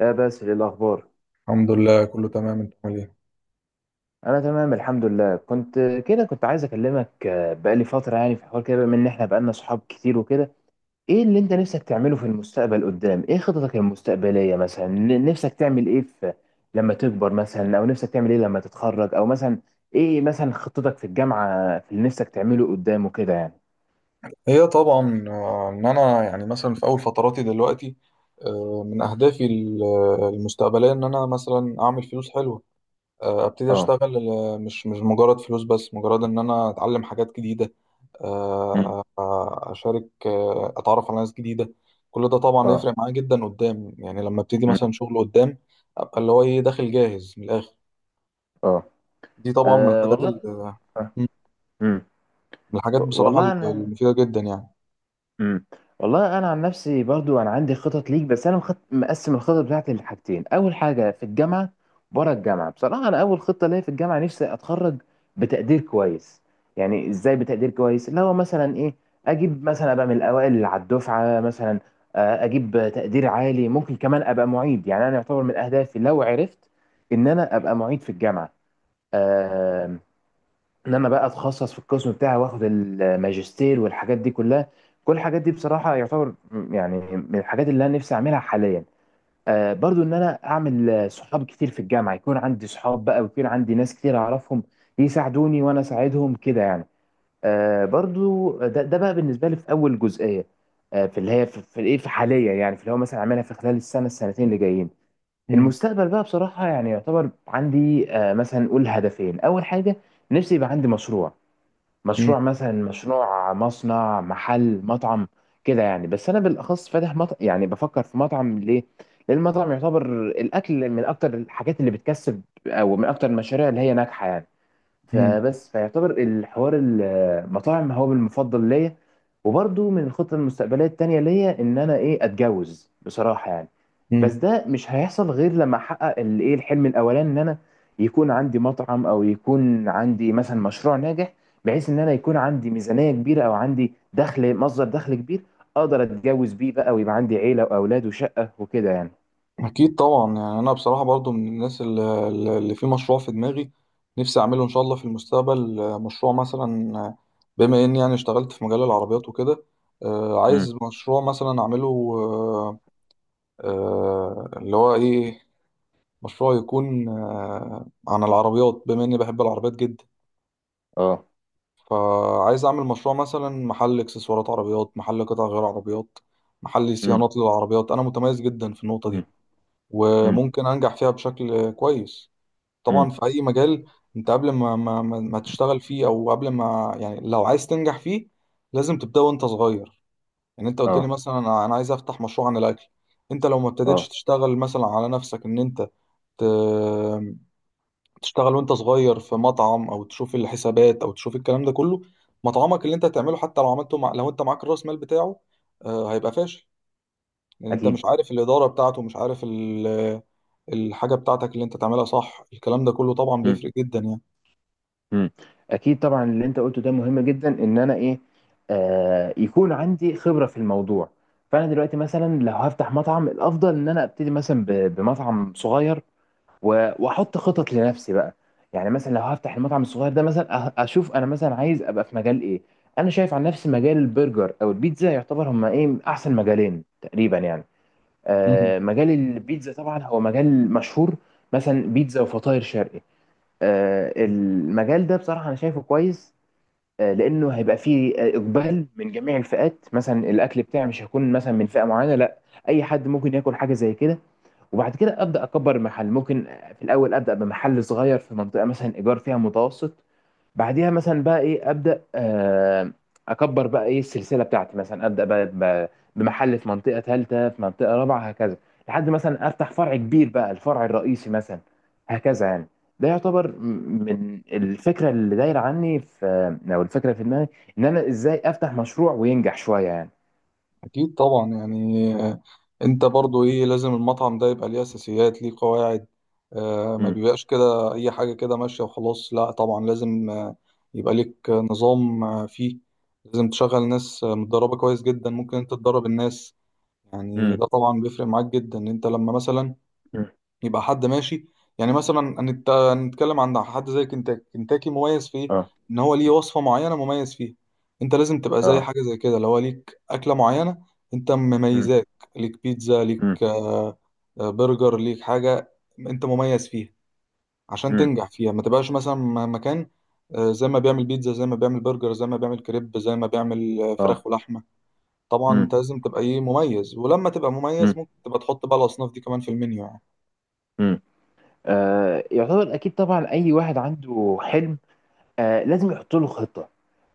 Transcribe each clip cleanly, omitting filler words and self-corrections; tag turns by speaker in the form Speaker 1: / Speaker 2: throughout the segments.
Speaker 1: يا بس ايه الاخبار؟
Speaker 2: الحمد لله، كله تمام. انت عامل ايه؟
Speaker 1: انا تمام الحمد لله. كنت كده كنت عايز اكلمك، بقالي فتره، يعني في حوار كده، بما ان احنا بقالنا صحاب كتير وكده. ايه اللي انت نفسك تعمله في المستقبل قدام؟ ايه خططك المستقبليه، مثلا نفسك تعمل ايه في لما تكبر، مثلا، او نفسك تعمل ايه لما تتخرج، او مثلا ايه مثلا خطتك في الجامعه، في اللي نفسك تعمله قدام وكده يعني؟
Speaker 2: هي طبعا، ان انا يعني مثلا في اول فتراتي دلوقتي. من اهدافي المستقبليه ان انا مثلا اعمل فلوس حلوه. ابتدي
Speaker 1: اه.
Speaker 2: اشتغل. مش مجرد فلوس، بس مجرد ان انا اتعلم حاجات جديده.
Speaker 1: مم.
Speaker 2: اشارك، اتعرف على ناس جديده. كل ده طبعا
Speaker 1: اه.
Speaker 2: يفرق معايا جدا قدام، يعني لما ابتدي
Speaker 1: مم.
Speaker 2: مثلا شغل قدام ابقى اللي هو ايه، داخل جاهز من الاخر.
Speaker 1: اه.
Speaker 2: دي طبعا من الحاجات
Speaker 1: والله. آه. مم.
Speaker 2: من الحاجات بصراحه
Speaker 1: والله انا،
Speaker 2: المفيده جدا يعني.
Speaker 1: امم. والله انا عن نفسي برضو انا عندي خطط ليك، بس انا مقسم الخطط بتاعتي لحاجتين: اول حاجه في الجامعه، بره الجامعه. بصراحه انا اول خطه ليا في الجامعه نفسي اتخرج بتقدير كويس. يعني ازاي بتقدير كويس؟ اللي هو مثلا ايه، اجيب مثلا ابقى من الاوائل اللي على الدفعه مثلا، اجيب تقدير عالي، ممكن كمان ابقى معيد. يعني انا يعتبر من اهدافي لو عرفت ان انا ابقى معيد في الجامعه، آه، ان انا بقى اتخصص في القسم بتاعي، واخد الماجستير والحاجات دي كلها. كل الحاجات دي بصراحه يعتبر يعني من الحاجات اللي انا نفسي اعملها حاليا. آه برضو ان انا اعمل صحاب كتير في الجامعه، يكون عندي صحاب بقى، ويكون عندي ناس كتير اعرفهم، يساعدوني وانا اساعدهم كده يعني. آه برضو ده بقى بالنسبه لي في اول جزئيه، آه في اللي هي في الايه في حاليا يعني، في اللي هو مثلا اعملها في خلال السنه السنتين اللي جايين. المستقبل بقى بصراحه يعني يعتبر عندي آه، مثلا نقول هدفين. اول حاجه نفسي يبقى عندي مشروع،
Speaker 2: مم.
Speaker 1: مشروع مثلا مصنع، محل، مطعم، كده يعني. بس انا بالاخص فاتح مطعم، يعني بفكر في مطعم. ليه؟ لان المطعم يعتبر الاكل من اكتر الحاجات اللي بتكسب، او من اكتر المشاريع اللي هي ناجحه يعني.
Speaker 2: مم.
Speaker 1: فبس فيعتبر الحوار المطاعم هو المفضل ليا. وبرضو من الخطط المستقبليه التانيه ليا ان انا ايه، اتجوز بصراحه يعني. بس
Speaker 2: مم.
Speaker 1: ده مش هيحصل غير لما احقق الايه الحلم الاولاني، ان انا يكون عندي مطعم، او يكون عندي مثلا مشروع ناجح، بحيث ان انا يكون عندي ميزانية كبيرة، او عندي دخل، مصدر دخل كبير، اقدر اتجوز بيه بقى، ويبقى عندي عيلة واولاد وشقة وكده يعني.
Speaker 2: أكيد طبعا، يعني أنا بصراحة برضو من الناس اللي في مشروع في دماغي، نفسي أعمله إن شاء الله في المستقبل. مشروع مثلا، بما إني يعني اشتغلت في مجال العربيات وكده.
Speaker 1: امم.
Speaker 2: عايز مشروع مثلا أعمله. آه، اللي هو إيه، مشروع يكون عن العربيات، بما إني بحب العربيات جدا.
Speaker 1: اه.
Speaker 2: فعايز أعمل مشروع مثلا محل إكسسوارات عربيات، محل قطع غير عربيات، محل
Speaker 1: امم.
Speaker 2: صيانات للعربيات. أنا متميز جدا في النقطة دي
Speaker 1: امم.
Speaker 2: وممكن انجح فيها بشكل كويس.
Speaker 1: امم.
Speaker 2: طبعا في اي مجال، انت قبل ما تشتغل فيه، او قبل ما، يعني لو عايز تنجح فيه لازم تبدا وانت صغير. يعني انت قلت لي
Speaker 1: اه.
Speaker 2: مثلا، أنا عايز افتح مشروع عن الاكل. انت لو ما ابتديتش
Speaker 1: اه.
Speaker 2: تشتغل مثلا على نفسك ان انت ت- تشتغل وانت صغير في مطعم، او تشوف الحسابات، او تشوف الكلام ده كله، مطعمك اللي انت هتعمله حتى لو عملته، لو انت معاك الراس مال بتاعه، هيبقى فاشل. لان انت مش
Speaker 1: اكيد.
Speaker 2: عارف الاداره بتاعته، مش عارف الحاجه بتاعتك اللي انت تعملها صح. الكلام ده كله طبعا بيفرق جدا يعني.
Speaker 1: مم. اكيد طبعا اللي انت قلته ده مهم جدا، ان انا ايه، آه يكون عندي خبره في الموضوع. فانا دلوقتي مثلا لو هفتح مطعم، الافضل ان انا ابتدي مثلا بمطعم صغير، واحط خطط لنفسي بقى. يعني مثلا لو هفتح المطعم الصغير ده، مثلا اشوف انا مثلا عايز ابقى في مجال ايه. انا شايف عن نفسي مجال البرجر او البيتزا يعتبر هما ايه، من احسن مجالين تقريبا يعني.
Speaker 2: مم.
Speaker 1: آه مجال البيتزا طبعا هو مجال مشهور، مثلا بيتزا وفطاير شرقي. المجال ده بصراحة أنا شايفه كويس، لأنه هيبقى فيه إقبال من جميع الفئات. مثلا الأكل بتاعي مش هيكون مثلا من فئة معينة، لا، أي حد ممكن ياكل حاجة زي كده. وبعد كده أبدأ أكبر المحل. ممكن في الأول أبدأ بمحل صغير في منطقة مثلا إيجار فيها متوسط. بعديها مثلا بقى إيه، أبدأ أكبر بقى إيه السلسلة بتاعتي. مثلا أبدأ بقى بمحل في منطقة ثالثة، في منطقة رابعة، هكذا، لحد مثلا أفتح فرع كبير بقى، الفرع الرئيسي مثلا، هكذا يعني. ده يعتبر من الفكره اللي دايره عني في، او الفكره في دماغي، ان انا ازاي افتح مشروع وينجح شويه يعني.
Speaker 2: اكيد طبعا، يعني انت برضو ايه، لازم المطعم ده يبقى ليه اساسيات، ليه قواعد. ما
Speaker 1: امم.
Speaker 2: بيبقاش كده اي حاجه كده ماشيه وخلاص. لا طبعا لازم، يبقى ليك نظام فيه. لازم تشغل ناس متدربه كويس جدا، ممكن انت تدرب الناس. يعني
Speaker 1: امم.
Speaker 2: ده طبعا بيفرق معاك جدا، انت لما مثلا
Speaker 1: امم.
Speaker 2: يبقى حد ماشي. يعني مثلا هنتكلم عن حد زي كنتاكي. كنتاكي مميز في ايه؟
Speaker 1: اه.
Speaker 2: ان هو ليه وصفة معينة مميز فيها. انت لازم تبقى زي
Speaker 1: اه.
Speaker 2: حاجة زي كده، لو هو ليك أكلة معينة انت
Speaker 1: امم.
Speaker 2: مميزاك، ليك بيتزا، ليك
Speaker 1: امم.
Speaker 2: برجر، ليك حاجة انت مميز فيها عشان
Speaker 1: امم.
Speaker 2: تنجح فيها. ما تبقاش مثلا مكان زي ما بيعمل بيتزا، زي ما بيعمل برجر، زي ما بيعمل كريب، زي ما بيعمل
Speaker 1: اه.
Speaker 2: فراخ ولحمة. طبعا
Speaker 1: امم.
Speaker 2: انت لازم تبقى ايه، مميز. ولما تبقى مميز ممكن تبقى تحط بقى الأصناف دي كمان في المنيو يعني.
Speaker 1: امم. يعتبر اكيد طبعا اي واحد عنده حلم، آه لازم يحطوا له خطة.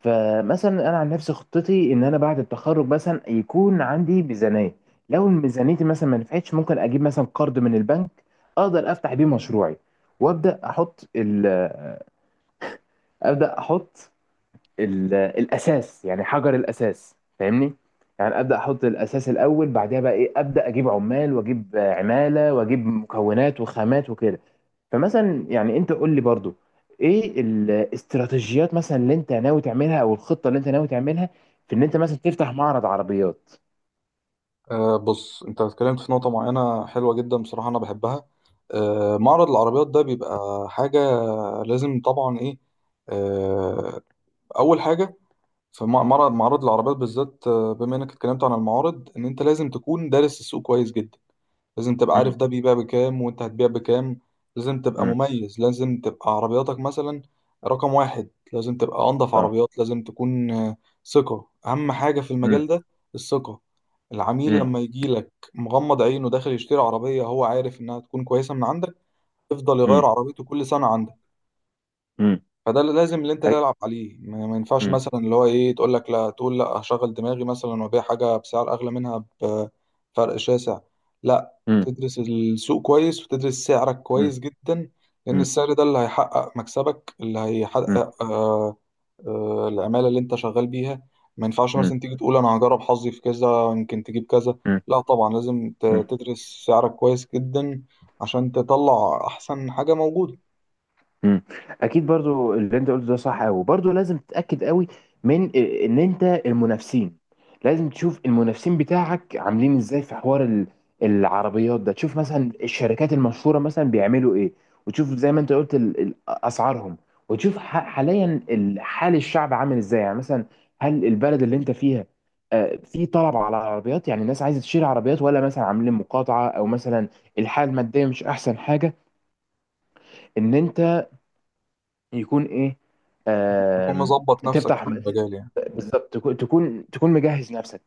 Speaker 1: فمثلا انا عن نفسي خطتي ان انا بعد التخرج مثلا يكون عندي ميزانية. لو ميزانيتي مثلا ما نفعتش، ممكن اجيب مثلا قرض من البنك، اقدر افتح بيه مشروعي، وابدا احط ال آه، ابدا احط الاساس، يعني حجر الاساس، فاهمني؟ يعني ابدا احط الاساس الاول، بعدها بقى ايه، ابدا اجيب عمال، واجيب عماله، واجيب مكونات وخامات وكده. فمثلا يعني انت قول لي برضو، ايه الاستراتيجيات مثلا اللي انت ناوي تعملها، او الخطه اللي انت ناوي تعملها في ان انت مثلا تفتح معرض عربيات؟
Speaker 2: بص، انت اتكلمت في نقطة معينة حلوة جدا، بصراحة انا بحبها. أه، معرض العربيات ده بيبقى حاجة لازم طبعا ايه، أه اول حاجة في، معرض، معرض العربيات بالذات، بما انك اتكلمت عن المعارض، ان انت لازم تكون دارس السوق كويس جدا. لازم تبقى عارف
Speaker 1: امم.
Speaker 2: ده بيبيع بكام، وانت هتبيع بكام. لازم تبقى
Speaker 1: امم.
Speaker 2: مميز، لازم تبقى عربياتك مثلا رقم واحد، لازم تبقى أنظف
Speaker 1: اه.
Speaker 2: عربيات، لازم تكون ثقة. أهم حاجة في
Speaker 1: امم.
Speaker 2: المجال ده الثقة. العميل
Speaker 1: امم.
Speaker 2: لما يجيلك مغمض عينه داخل يشتري عربية، هو عارف إنها تكون كويسة من عندك، يفضل يغير
Speaker 1: امم.
Speaker 2: عربيته كل سنة عندك.
Speaker 1: امم.
Speaker 2: فده اللي لازم، اللي انت
Speaker 1: امم.
Speaker 2: تلعب عليه. ما ينفعش مثلا اللي هو ايه، تقول لك لا، تقول لا هشغل دماغي مثلا وابيع حاجه بسعر اغلى منها بفرق شاسع. لا، تدرس السوق كويس وتدرس سعرك كويس
Speaker 1: امم.
Speaker 2: جدا. لان
Speaker 1: امم.
Speaker 2: السعر ده اللي هيحقق مكسبك، اللي هيحقق العماله اللي انت شغال بيها. ما ينفعش
Speaker 1: امم.
Speaker 2: مثلا تيجي تقول انا هجرب حظي في كذا، يمكن تجيب كذا. لا طبعا لازم
Speaker 1: امم.
Speaker 2: تدرس سعرك كويس جدا، عشان تطلع احسن حاجه موجوده.
Speaker 1: مم. اكيد برضو اللي انت قلته ده صح قوي، برضو لازم تتاكد قوي من إيه، ان انت المنافسين، لازم تشوف المنافسين بتاعك عاملين ازاي في حوار العربيات ده، تشوف مثلا الشركات المشهوره مثلا بيعملوا ايه، وتشوف زي ما انت قلت اسعارهم، وتشوف حاليا حال الشعب عامل ازاي يعني، مثلا هل البلد اللي انت فيها في طلب على العربيات؟ يعني الناس عايزه تشتري عربيات، ولا مثلا عاملين مقاطعه، او مثلا الحاله الماديه مش احسن حاجه ان انت يكون ايه،
Speaker 2: تكون
Speaker 1: آم،
Speaker 2: مظبط نفسك في
Speaker 1: تفتح.
Speaker 2: المجال يعني
Speaker 1: بالظبط، تكون مجهز نفسك.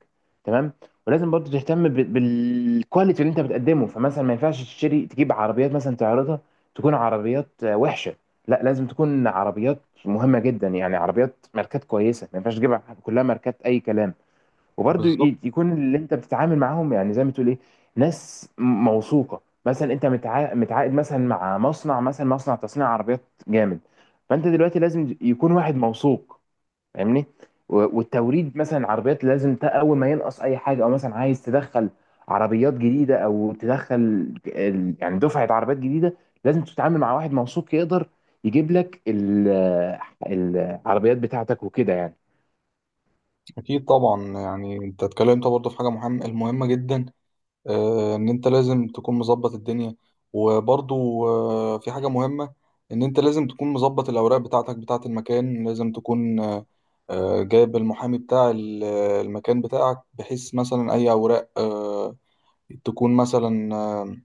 Speaker 1: تمام. ولازم برضو تهتم بالكواليتي اللي انت بتقدمه. فمثلا ما ينفعش تشتري تجيب عربيات مثلا تعرضها، تكون عربيات وحشه. لا، لازم تكون عربيات مهمه جدا يعني، عربيات ماركات كويسه، ما ينفعش تجيب كلها ماركات اي كلام. وبرضه
Speaker 2: بالظبط.
Speaker 1: يكون اللي انت بتتعامل معاهم، يعني زي ما تقول ايه، ناس موثوقه، مثلا انت متعاقد مثلا مع مصنع، مثلا مصنع تصنيع عربيات جامد. فانت دلوقتي لازم يكون واحد موثوق، فاهمني؟ والتوريد مثلا عربيات لازم اول ما ينقص اي حاجه، او مثلا عايز تدخل عربيات جديده، او تدخل يعني دفعه عربيات جديده، لازم تتعامل مع واحد موثوق يقدر يجيب لك العربيات بتاعتك وكده
Speaker 2: اكيد طبعا، يعني انت اتكلمت برضه في حاجه مهمه، المهمه جدا، ان انت لازم تكون مظبط الدنيا. وبرضه في حاجه مهمه، ان انت لازم تكون مظبط الاوراق بتاعتك، بتاعه المكان. لازم تكون جايب المحامي بتاع المكان بتاعك، بحيث مثلا اي اوراق تكون مثلا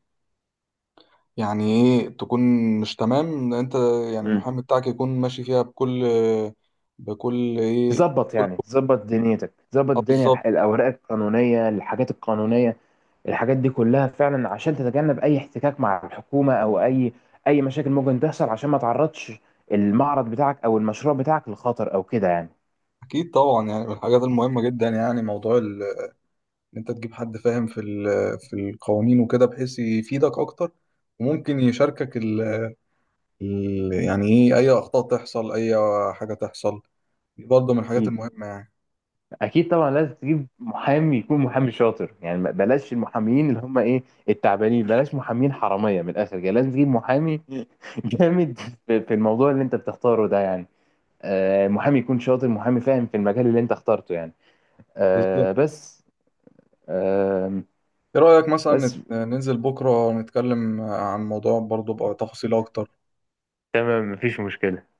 Speaker 2: يعني ايه، تكون مش تمام. انت يعني
Speaker 1: يعني.
Speaker 2: المحامي بتاعك يكون ماشي فيها بكل ايه،
Speaker 1: تظبط
Speaker 2: كل-
Speaker 1: يعني، تظبط دنيتك، تظبط
Speaker 2: اه،
Speaker 1: الدنيا
Speaker 2: بالظبط.
Speaker 1: الاوراق القانونيه، الحاجات القانونيه، الحاجات دي كلها فعلا، عشان تتجنب اي احتكاك مع الحكومه، او اي اي مشاكل ممكن تحصل، عشان ما تعرضش المعرض بتاعك او المشروع بتاعك للخطر، او كده يعني.
Speaker 2: اكيد طبعا، يعني من الحاجات المهمه جدا، يعني موضوع ان انت تجيب حد فاهم في في القوانين وكده، بحيث يفيدك اكتر. وممكن يشاركك يعني ايه، اي اخطاء تحصل، اي حاجه تحصل. دي برضه من الحاجات
Speaker 1: اكيد.
Speaker 2: المهمه يعني.
Speaker 1: اكيد طبعا لازم تجيب محامي، يكون محامي شاطر يعني، بلاش المحاميين اللي هم ايه، التعبانين، بلاش محامين حراميه من الاخر يعني. لازم تجيب محامي جامد في في الموضوع اللي انت بتختاره ده يعني، محامي يكون شاطر، محامي فاهم في المجال اللي انت اخترته يعني،
Speaker 2: بالظبط.
Speaker 1: آه، بس آه،
Speaker 2: ايه رايك مثلا
Speaker 1: بس
Speaker 2: ننزل بكره نتكلم عن موضوع برضه بقى، تفاصيل اكتر.
Speaker 1: تمام، مفيش مشكلة.